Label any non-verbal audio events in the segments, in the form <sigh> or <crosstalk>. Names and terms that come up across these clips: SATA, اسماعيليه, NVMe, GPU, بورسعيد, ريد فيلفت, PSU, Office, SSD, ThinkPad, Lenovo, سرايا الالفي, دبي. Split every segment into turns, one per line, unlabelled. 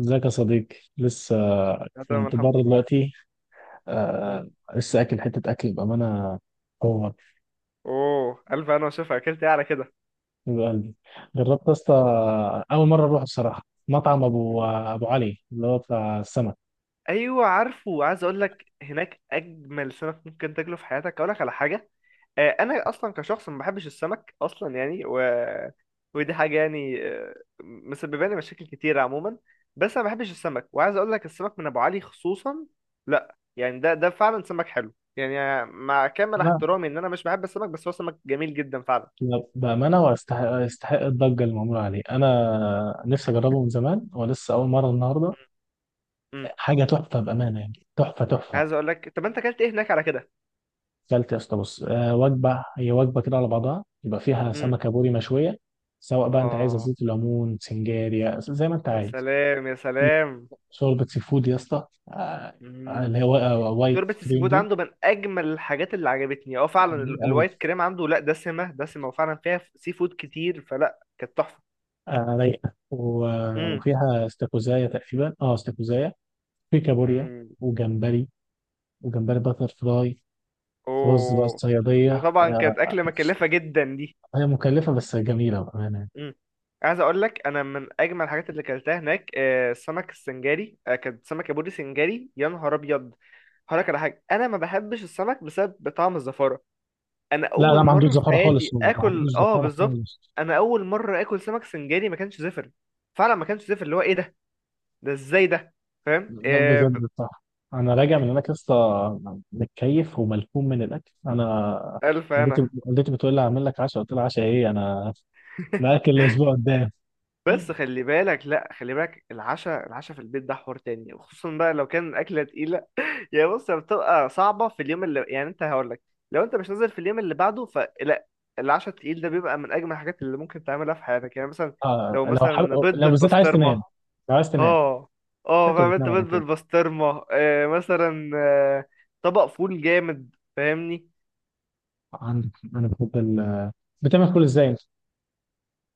ازيك يا صديقي؟ لسه
أنا تمام
كنت
الحمد
بره
لله.
دلوقتي.
مم.
آه. لسه اكل حته اكل بامانه. هو.
اوه الف انا، وشوف اكلت ايه على كده.
من قلبي جربت يا اسطى. اول مره اروح بصراحه مطعم ابو
مم.
ابو علي اللي هو بتاع السمك.
ايوه عارفه، عايز اقول لك هناك اجمل سمك ممكن تاكله في حياتك. اقول لك على حاجه. انا اصلا كشخص ما بحبش السمك اصلا يعني ودي حاجه مسببه لي مشاكل كتيره عموما. بس انا ما بحبش السمك، وعايز اقول لك السمك من ابو علي خصوصا. لا يعني ده فعلا سمك حلو يعني، مع كامل
لا،
احترامي ان انا مش بحب السمك، بس هو سمك جميل جدا فعلا.
لا، بامانه، ويستحق يستحق الضجه اللي معموله عليه. انا نفسي اجربه من زمان ولسه اول مره النهارده.
امم.
حاجه تحفه بامانه، يعني تحفه تحفه.
عايز اقول لك، طب انت اكلت ايه هناك على كده؟
كلت يا اسطى، بص، وجبه، هي وجبه كده على بعضها، يبقى فيها سمكه بوري مشويه. سواء بقى انت عايز
اه،
زيت الليمون سنجاريا زي ما انت
يا
عايز.
سلام يا
في
سلام.
شوربه سي فود يا اسطى،
مم.
اللي هي وايت
شوربة السي
كريم
فود
دي.
عنده من أجمل الحاجات اللي عجبتني، اه فعلا
جميل قوي.
الوايت كريم عنده لا دسمة دسمة، وفعلا فيها سي فود كتير، فلا كانت تحفة.
رايقه و- آه،
مم.
وفيها استاكوزايا تقريبا، استاكوزايا. في كابوريا.
مم.
وجمبري، وجمبري باتر فلاي. رز بقى
اوه. ده
الصياديه
طبعا
آه،
كانت أكلة مكلفة جدا دي.
هي مكلفه بس جميله بامانه.
مم. عايز أقول لك، أنا من أجمل الحاجات اللي أكلتها هناك السمك السنجاري، كانت سمكة بوري سنجاري، يا نهار أبيض. هقولك على حاجة، أنا ما بحبش السمك بسبب طعم الزفارة. انا
لا، لا،
اول
ما عندوش
مره في
زفاره خالص،
حياتي
هو ما عندوش
اكل، اه
زفاره
بالظبط.
خالص.
انا اول مره اكل سمك سنجاري ما كانش زفر. فعلا ما كانش زفر، اللي هو ايه ده؟ ده ازاي ده؟ فاهم
لا،
إيه؟
بجد، صح. انا راجع من هناك لسه. متكيف وملحوم من الاكل انا.
الف
والدتي
انا.
والدتي بتقول لي هعمل لك عشاء. قلت لها عشاء ايه انا؟ الاكل
<laughs>
الاسبوع قدام.
بس خلي بالك، لا خلي بالك، العشاء العشاء في البيت ده حوار تاني، وخصوصا بقى لو كان الاكله تقيله. يعني بص، هي بتبقى صعبه في اليوم اللي، يعني انت هقول لك، لو انت مش نازل في اليوم اللي بعده فلا، العشاء التقيل ده بيبقى من اجمل الحاجات اللي ممكن تعملها في حياتك. يعني مثلا
آه
لو
لو حب...
مثلا بيض
لو بالذات عايز
بالبسطرمه.
تنام. لو عايز تنام.
اه اه،
شكله
فاهم انت،
بتنام
بيت
على طول.
بالبسطرمه آه، مثلا آه. طبق فول جامد، فاهمني.
عندك. انا بحب ال... بتعمل كل ازاي انت؟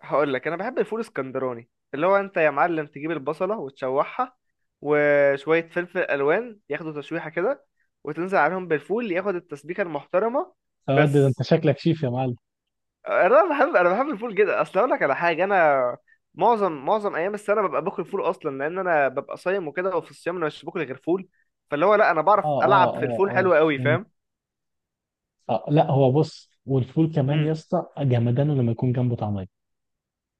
هقول لك، انا بحب الفول اسكندراني، اللي هو انت يا معلم تجيب البصله وتشوحها، وشويه فلفل الوان ياخدوا تشويحه كده، وتنزل عليهم بالفول ياخد التسبيكه المحترمه.
يا واد ده انت
بس
شكلك شيف يا معلم.
انا بحب الفول جدا. اصل اقول لك على حاجه، انا معظم ايام السنه ببقى باكل فول اصلا، لان انا ببقى صايم وكده، وفي الصيام انا مش باكل غير فول. فاللي هو لا، انا
اه،
بعرف العب في
اه،
الفول
اه.
حلو قوي، فاهم.
اه, آه، لا، هو بص، والفول كمان يا
امم.
اسطى جمدانه لما يكون جنبه طعميه.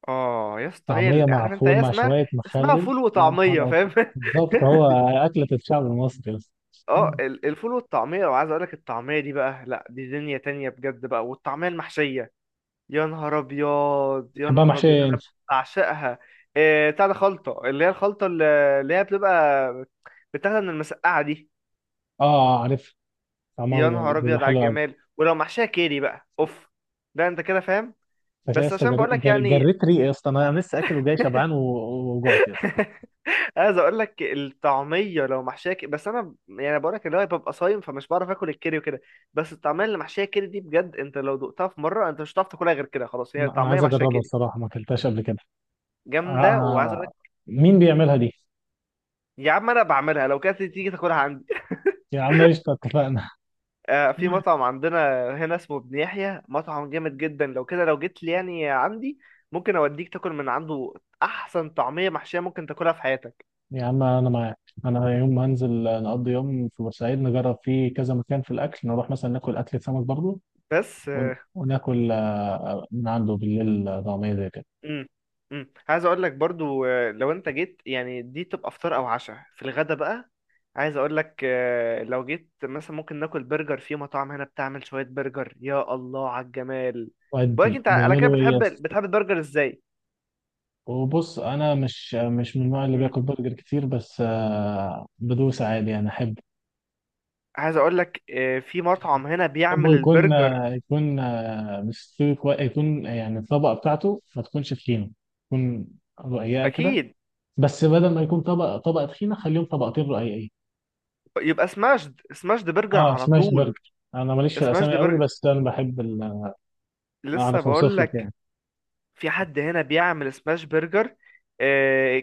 اه يا اسطى،
طعمية مع
عارف انت
فول
هي
مع
اسمها،
شوية
اسمها
مخلل
فول
يا نهار
وطعميه،
أبيض.
فاهم. <laughs>
بالظبط، هو. أكلة الشعب المصري بس.
اه الفول والطعميه، وعايز اقول لك الطعميه دي بقى، لا دي دنيا تانية بجد بقى، والطعميه المحشيه، يا نهار ابيض يا
بحبها
نهار ابيض،
محشية
انا
أنت؟
بعشقها. إيه بتاع ده، خلطه، اللي هي الخلطه اللي هي بتبقى بتاخدها من المسقعه دي.
أه، عارف. طعمها
يا
بيبقى
نهار
بيبقى
ابيض على
حلو أوي.
الجمال، ولو محشيه كيري بقى اوف، ده انت كده فاهم.
بس يا
بس
اسطى،
عشان بقول لك يعني،
جريت ريقي يا اسطى. أنا لسه أكل وجاي شبعان وجعت يا اسطى.
عايز اقول لك الطعميه لو بس انا يعني بقول لك اللي هو ببقى صايم، فمش بعرف اكل الكيري وكده. بس الطعميه اللي محشيه كيري دي، بجد انت لو دقتها في مره، انت مش هتعرف تاكلها غير كده، خلاص، هي
أنا
طعميه
عايز
محشيه
أجربها
كيري.
بصراحة، ما أكلتهاش قبل كده. آه،
جامده، وعايز اقول
آه،
لك،
مين بيعملها دي؟
يا عم انا بعملها لو كانت تيجي تاكلها عندي.
يا عم، قشطة، اتفقنا.
آه، في
<laughs>
مطعم عندنا هنا اسمه ابن يحيى، مطعم جامد جدا، لو كده لو جيت لي يعني عندي، ممكن اوديك تاكل من عنده، احسن طعميه محشيه ممكن تاكلها في حياتك.
يا عم، أنا معاك. أنا يوم ما هنزل نقضي يوم في بورسعيد، نجرب فيه كذا مكان في الأكل، نروح مثلا ناكل أكلة سمك برضه.
بس.
وناكل من عنده بالليل، طعمية زي كده.
امم. امم. عايز اقول لك برضو، لو انت جيت يعني دي تبقى فطار او عشاء في الغدا بقى. عايز اقول لك، لو جيت مثلا ممكن ناكل برجر، في مطاعم هنا بتعمل شوية برجر يا الله على الجمال. بقولك
وأدي
انت على كده،
بيعملوا إيه
بتحب
يس.
بتحب البرجر ازاي؟
وبص، أنا مش من النوع اللي
امم.
بياكل برجر كتير، بس بدوس عادي يعني أحب.
عايز اقول لك، في مطعم هنا
أحبه
بيعمل
يكون
البرجر.
آه، يكون مستوي كويس، يكون آه، يعني الطبقة بتاعته ما تكونش تخينة. تكون رقيقة كده.
اكيد
بس بدل ما يكون طبقة تخينة، خليهم طبقتين رقيقين.
يبقى سماشد سماشد برجر
اه،
على
سماش
طول.
برجر. أنا ماليش في
سماشد
الأسامي قوي،
برجر،
بس أنا بحب ال-
لسه
أعرف
بقول
أوصف لك
لك،
يعني.
في حد هنا بيعمل سماش برجر، آه،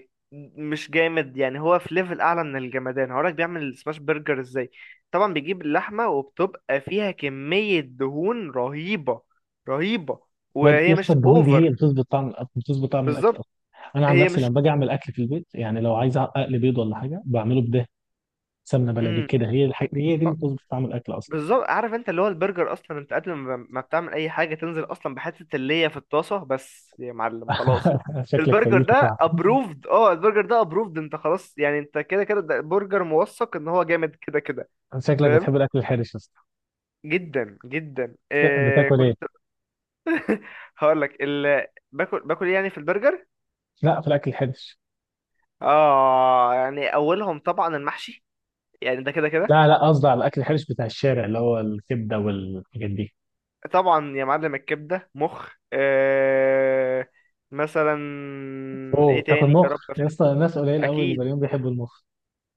مش جامد يعني، هو في ليفل اعلى من الجمدان. هقولك بيعمل السماش برجر ازاي، طبعا بيجيب اللحمه وبتبقى فيها كميه دهون رهيبه رهيبه،
يا
وهي
اسطى،
مش
الدهون دي هي اللي
اوفر.
بتظبط طعم الأكل، بتظبط طعم الأكل
بالظبط.
أصلا. أنا عن
هي
نفسي لما
مش
باجي أعمل أكل في البيت، يعني لو عايز أقلي بيض ولا حاجة بعمله بده سمنة بلدي
مم.
كده. هي الحاجة، هي دي اللي بتظبط طعم الأكل أصلا.
بالظبط، عارف انت، اللي هو البرجر اصلا، انت قبل ما بتعمل اي حاجه تنزل اصلا بحته اللية في الطاسه بس يا معلم، خلاص،
<laughs> شكلك
البرجر
كيف طعم؟
ده ابروفد. اه البرجر ده ابروفد، انت خلاص يعني، انت كده كده ده برجر موثق ان هو جامد كده كده،
شكلك
فاهم.
بتحب الأكل الحرش يا اسطى؟
جدا جدا.
لا،
إيه
بتاكل إيه؟
كنت؟ هقول لك باكل إيه يعني في البرجر.
لا، في الأكل الحرش.
اه، يعني اولهم طبعا المحشي، يعني ده كده كده.
لا، لا، قصدي على الأكل الحرش بتاع الشارع، اللي هو الكبدة والحاجات دي.
طبعا يا معلم، الكبده، مخ، إيه مثلا، ايه
أوه، تاكل
تاني يا
مخ
رب،
يا اسطى؟ ناس قليل قوي اللي
اكيد.
زيهم بيحبوا المخ.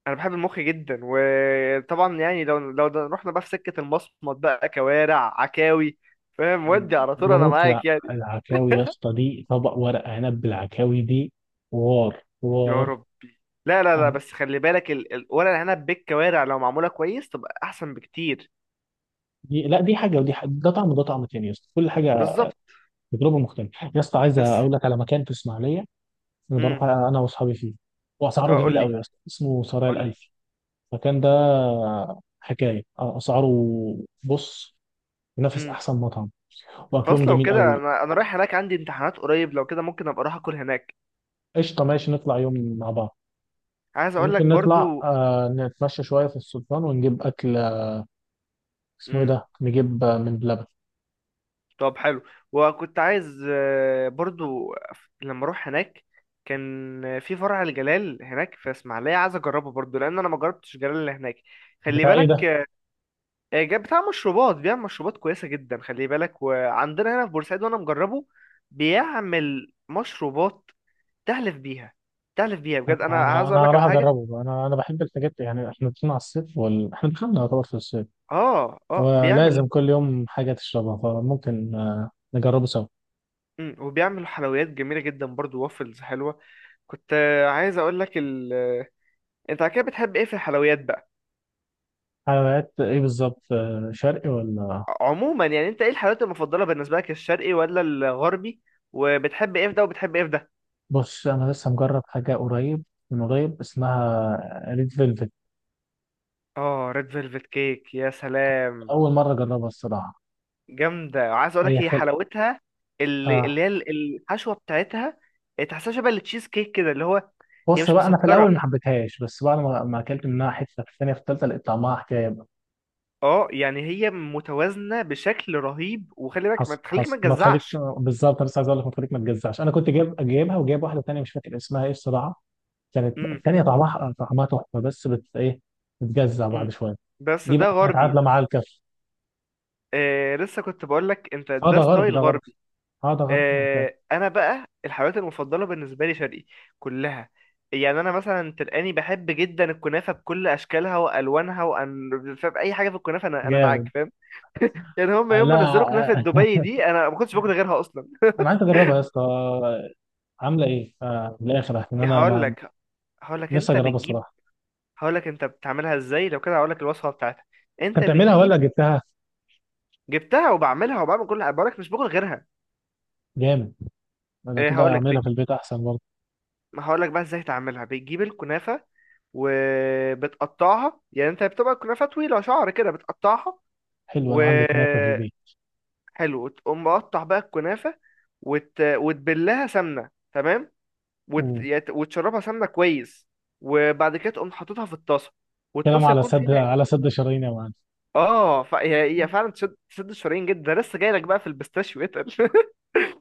انا بحب المخ جدا، وطبعا يعني لو رحنا بقى في سكه المصمت بقى كوارع عكاوي، فاهم، ودي على
انا
طول انا
بموت في
معاك يعني.
العكاوي يا اسطى. دي طبق ورق عنب بالعكاوي دي. حوار
يا
حوار.
ربي. لا لا لا،
أنا-
بس خلي بالك ورق العنب بالكوارع لو معموله كويس تبقى احسن بكتير.
دي لا دي حاجه ودي حاجة، ده طعم وده طعم تاني يا اسطى، كل حاجه
بالظبط.
تجربه مختلفه يا اسطى. عايز
بس.
اقول لك على مكان في اسماعيليه. انا
امم.
بروح انا واصحابي فيه. واسعاره
اه قول
جميله
لي
قوي يا اسطى، اسمه سرايا
قول لي.
الالفي. المكان ده حكايه، اسعاره، بص، ينافس
امم.
احسن مطعم. واكلهم
خلاص لو
جميل
كده،
قوي.
انا رايح هناك عندي امتحانات قريب، لو كده ممكن ابقى اروح اكل هناك.
قشطه، ماشي، نطلع يوم مع بعض.
عايز اقول لك
وممكن نطلع
برضو.
نتمشى شويه في السلطان ونجيب اكل. اسمه ايه ده؟
مم.
نجيب من بلبن.
طب حلو. وكنت عايز برضو لما اروح هناك، كان في فرع الجلال هناك في اسماعيليه عايز اجربه برضو، لان انا ما جربتش الجلال اللي هناك. خلي
بتاع ايه ده؟
بالك، جاب بتاع مشروبات بيعمل مشروبات كويسه جدا، خلي بالك، وعندنا هنا في بورسعيد وانا مجربه. بيعمل مشروبات تحلف بيها، تحلف بيها
انا
بجد. انا
انا
عايز
أنا
اقول لك
هروح
على حاجه.
اجربه بقى. انا بحب الحاجات، يعني احنا داخلين على الصيف احنا دخلنا يعتبر في الصيف.
اه اه بيعمل.
ولازم كل يوم حاجه تشربها، فممكن نجربه سوا.
وبيعمل حلويات جميله جدا برضو، وافلز حلوه. كنت عايز اقول لك، انت على كده بتحب ايه في الحلويات بقى،
حلويات ايه بالظبط؟ شرقي ولا؟
عموما يعني، انت ايه الحلويات المفضله بالنسبه لك، الشرقي ولا الغربي؟ وبتحب ايه في ده، وبتحب ايه في ده؟
بص، انا لسه مجرب حاجه قريب، من قريب، اسمها ريد فيلفت.
اه، ريد فيلفت كيك، يا سلام.
اول مره اجربها الصراحه.
جامده، وعايز اقول
هي
لك هي
خل...
حلاوتها، اللي
آه.
اللي الحشوه بتاعتها تحسها شبه التشيز كيك كده، اللي هو هي
بص
مش
بقى، انا في
مسكره.
الاول ما حبيتهاش، بس بعد ما اكلت منها حته في الثانيه في الثالثه، لقيت طعمها حكايه.
اه يعني هي متوازنه بشكل رهيب، وخلي بالك ما
حصل
تخليك
حصل،
ما
ما تخليك.
تجزعش.
بالظبط، لسه عايز اقول لك ما تخليك ما تجزعش. انا كنت جايبها وجايب واحده تانيه مش فاكر اسمها ايه الصراحه. كانت
امم.
التانيه طعمها تحفه، بس بت ايه؟ بتجزع
امم.
بعد شويه.
بس
دي بقى
ده
كانت
غربي.
عادله مع الكف.
آه، لسه كنت بقول لك انت
اه،
ده
ده غرب،
ستايل
ده غرب.
غربي.
اه، ده غرب أنت.
انا بقى الحلويات المفضله بالنسبه لي شرقي كلها، يعني انا مثلا تلقاني بحب جدا الكنافه بكل اشكالها والوانها، وان فاهم اي حاجه في الكنافه، انا معاك
جامد.
فاهم. يعني هم
آه،
يوم
لا،
ما نزلوا كنافه
آه.
دبي
<laughs>
دي، انا ما كنتش باكل غيرها اصلا.
انا عايز اجربها يا اسطى. عامله ايه من الاخر، عشان انا
هقول
ما...
لك، هقول لك
لسه
انت
اجربها
بتجيب
الصراحه.
هقول لك انت بتعملها ازاي، لو كده هقول لك الوصفه بتاعتها. انت
انت بتعملها ولا
بتجيب،
جبتها؟
جبتها وبعملها، وبعمل كل، بقول لك مش باكل غيرها.
جامد. لو كده
هقول لك،
اعملها في البيت احسن برضه.
ما هقولك بقى ازاي تعملها. بتجيب الكنافة وبتقطعها، يعني انت بتبقى الكنافة طويلة شعر كده بتقطعها
حلو، انا عندي كنافه في
وحلو.
البيت.
تقوم مقطع بقى الكنافة، وتبلها سمنة، تمام،
مم.
وتشربها سمنة كويس، وبعد كده تقوم حاططها في الطاسة،
كلام
والطاسة
على
يكون فيها
سد على سد شرايين يا معلم.
اه هي هي فعلا تشد تشد الشرايين جدا، ده لسه جايلك بقى في البيستاشيو اتقل. <laughs>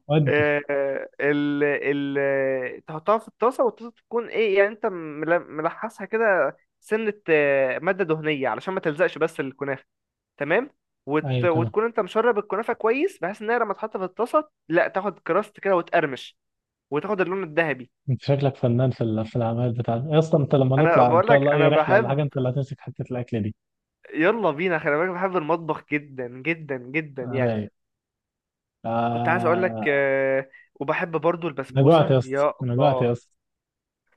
ودي.
آه، ال ال تحطها في الطاسة، والطاسة تكون ايه يعني، انت ملحسها كده سنة مادة دهنية علشان ما تلزقش بس الكنافة، تمام،
ايوه، تمام.
وتكون انت مشرب الكنافة كويس بحيث انها لما تحط في الطاسة لا تاخد كراست كده وتقرمش، وتاخد اللون الذهبي.
انت شكلك فنان في الاعمال بتاعتك يا اسطى. انت لما
انا
نطلع ان
بقول
شاء
لك
الله اي
انا
رحله ولا حاجه،
بحب،
انت اللي هتمسك حته الاكل دي.
يلا بينا، خلي بالك بحب المطبخ جدا جدا جدا يعني.
رايق.
كنت عايز اقول لك،
آه.
وبحب برضو
انا جوعت
البسبوسة،
يا اسطى،
يا
انا جوعت
الله.
يا اسطى.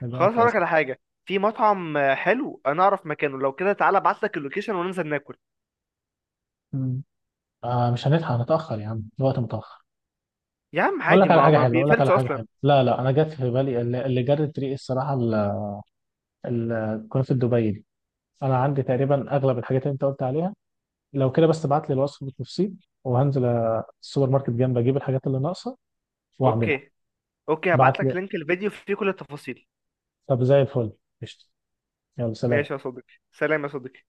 انا
خلاص
جوعت يا
هقولك
اسطى.
على حاجة، في مطعم حلو انا اعرف مكانه، لو كده تعالى ابعتلك اللوكيشن وننزل ناكل.
مم. آه، مش هنلحق، هنتاخر يا عم، الوقت متاخر.
يا عم
اقول
عادي،
لك على
ما
حاجه
ما
حلوه، اقول لك
بيقفلش
على حاجه
اصلا.
حلوه. لا، لا، انا جت في بالي اللي جرت ريقي الصراحه ال- كنت في دبي دي. انا عندي تقريبا اغلب الحاجات اللي انت قلت عليها. لو كده بس ابعت لي الوصف بالتفصيل، وهنزل السوبر ماركت جنب، اجيب الحاجات اللي ناقصه واعملها.
اوكي. اوكي،
بعت
هبعتلك
لي.
لينك الفيديو فيه كل التفاصيل.
طب زي الفل. قشطة. يلا،
ماشي يا
سلام.
صديقي، سلام يا صديقي.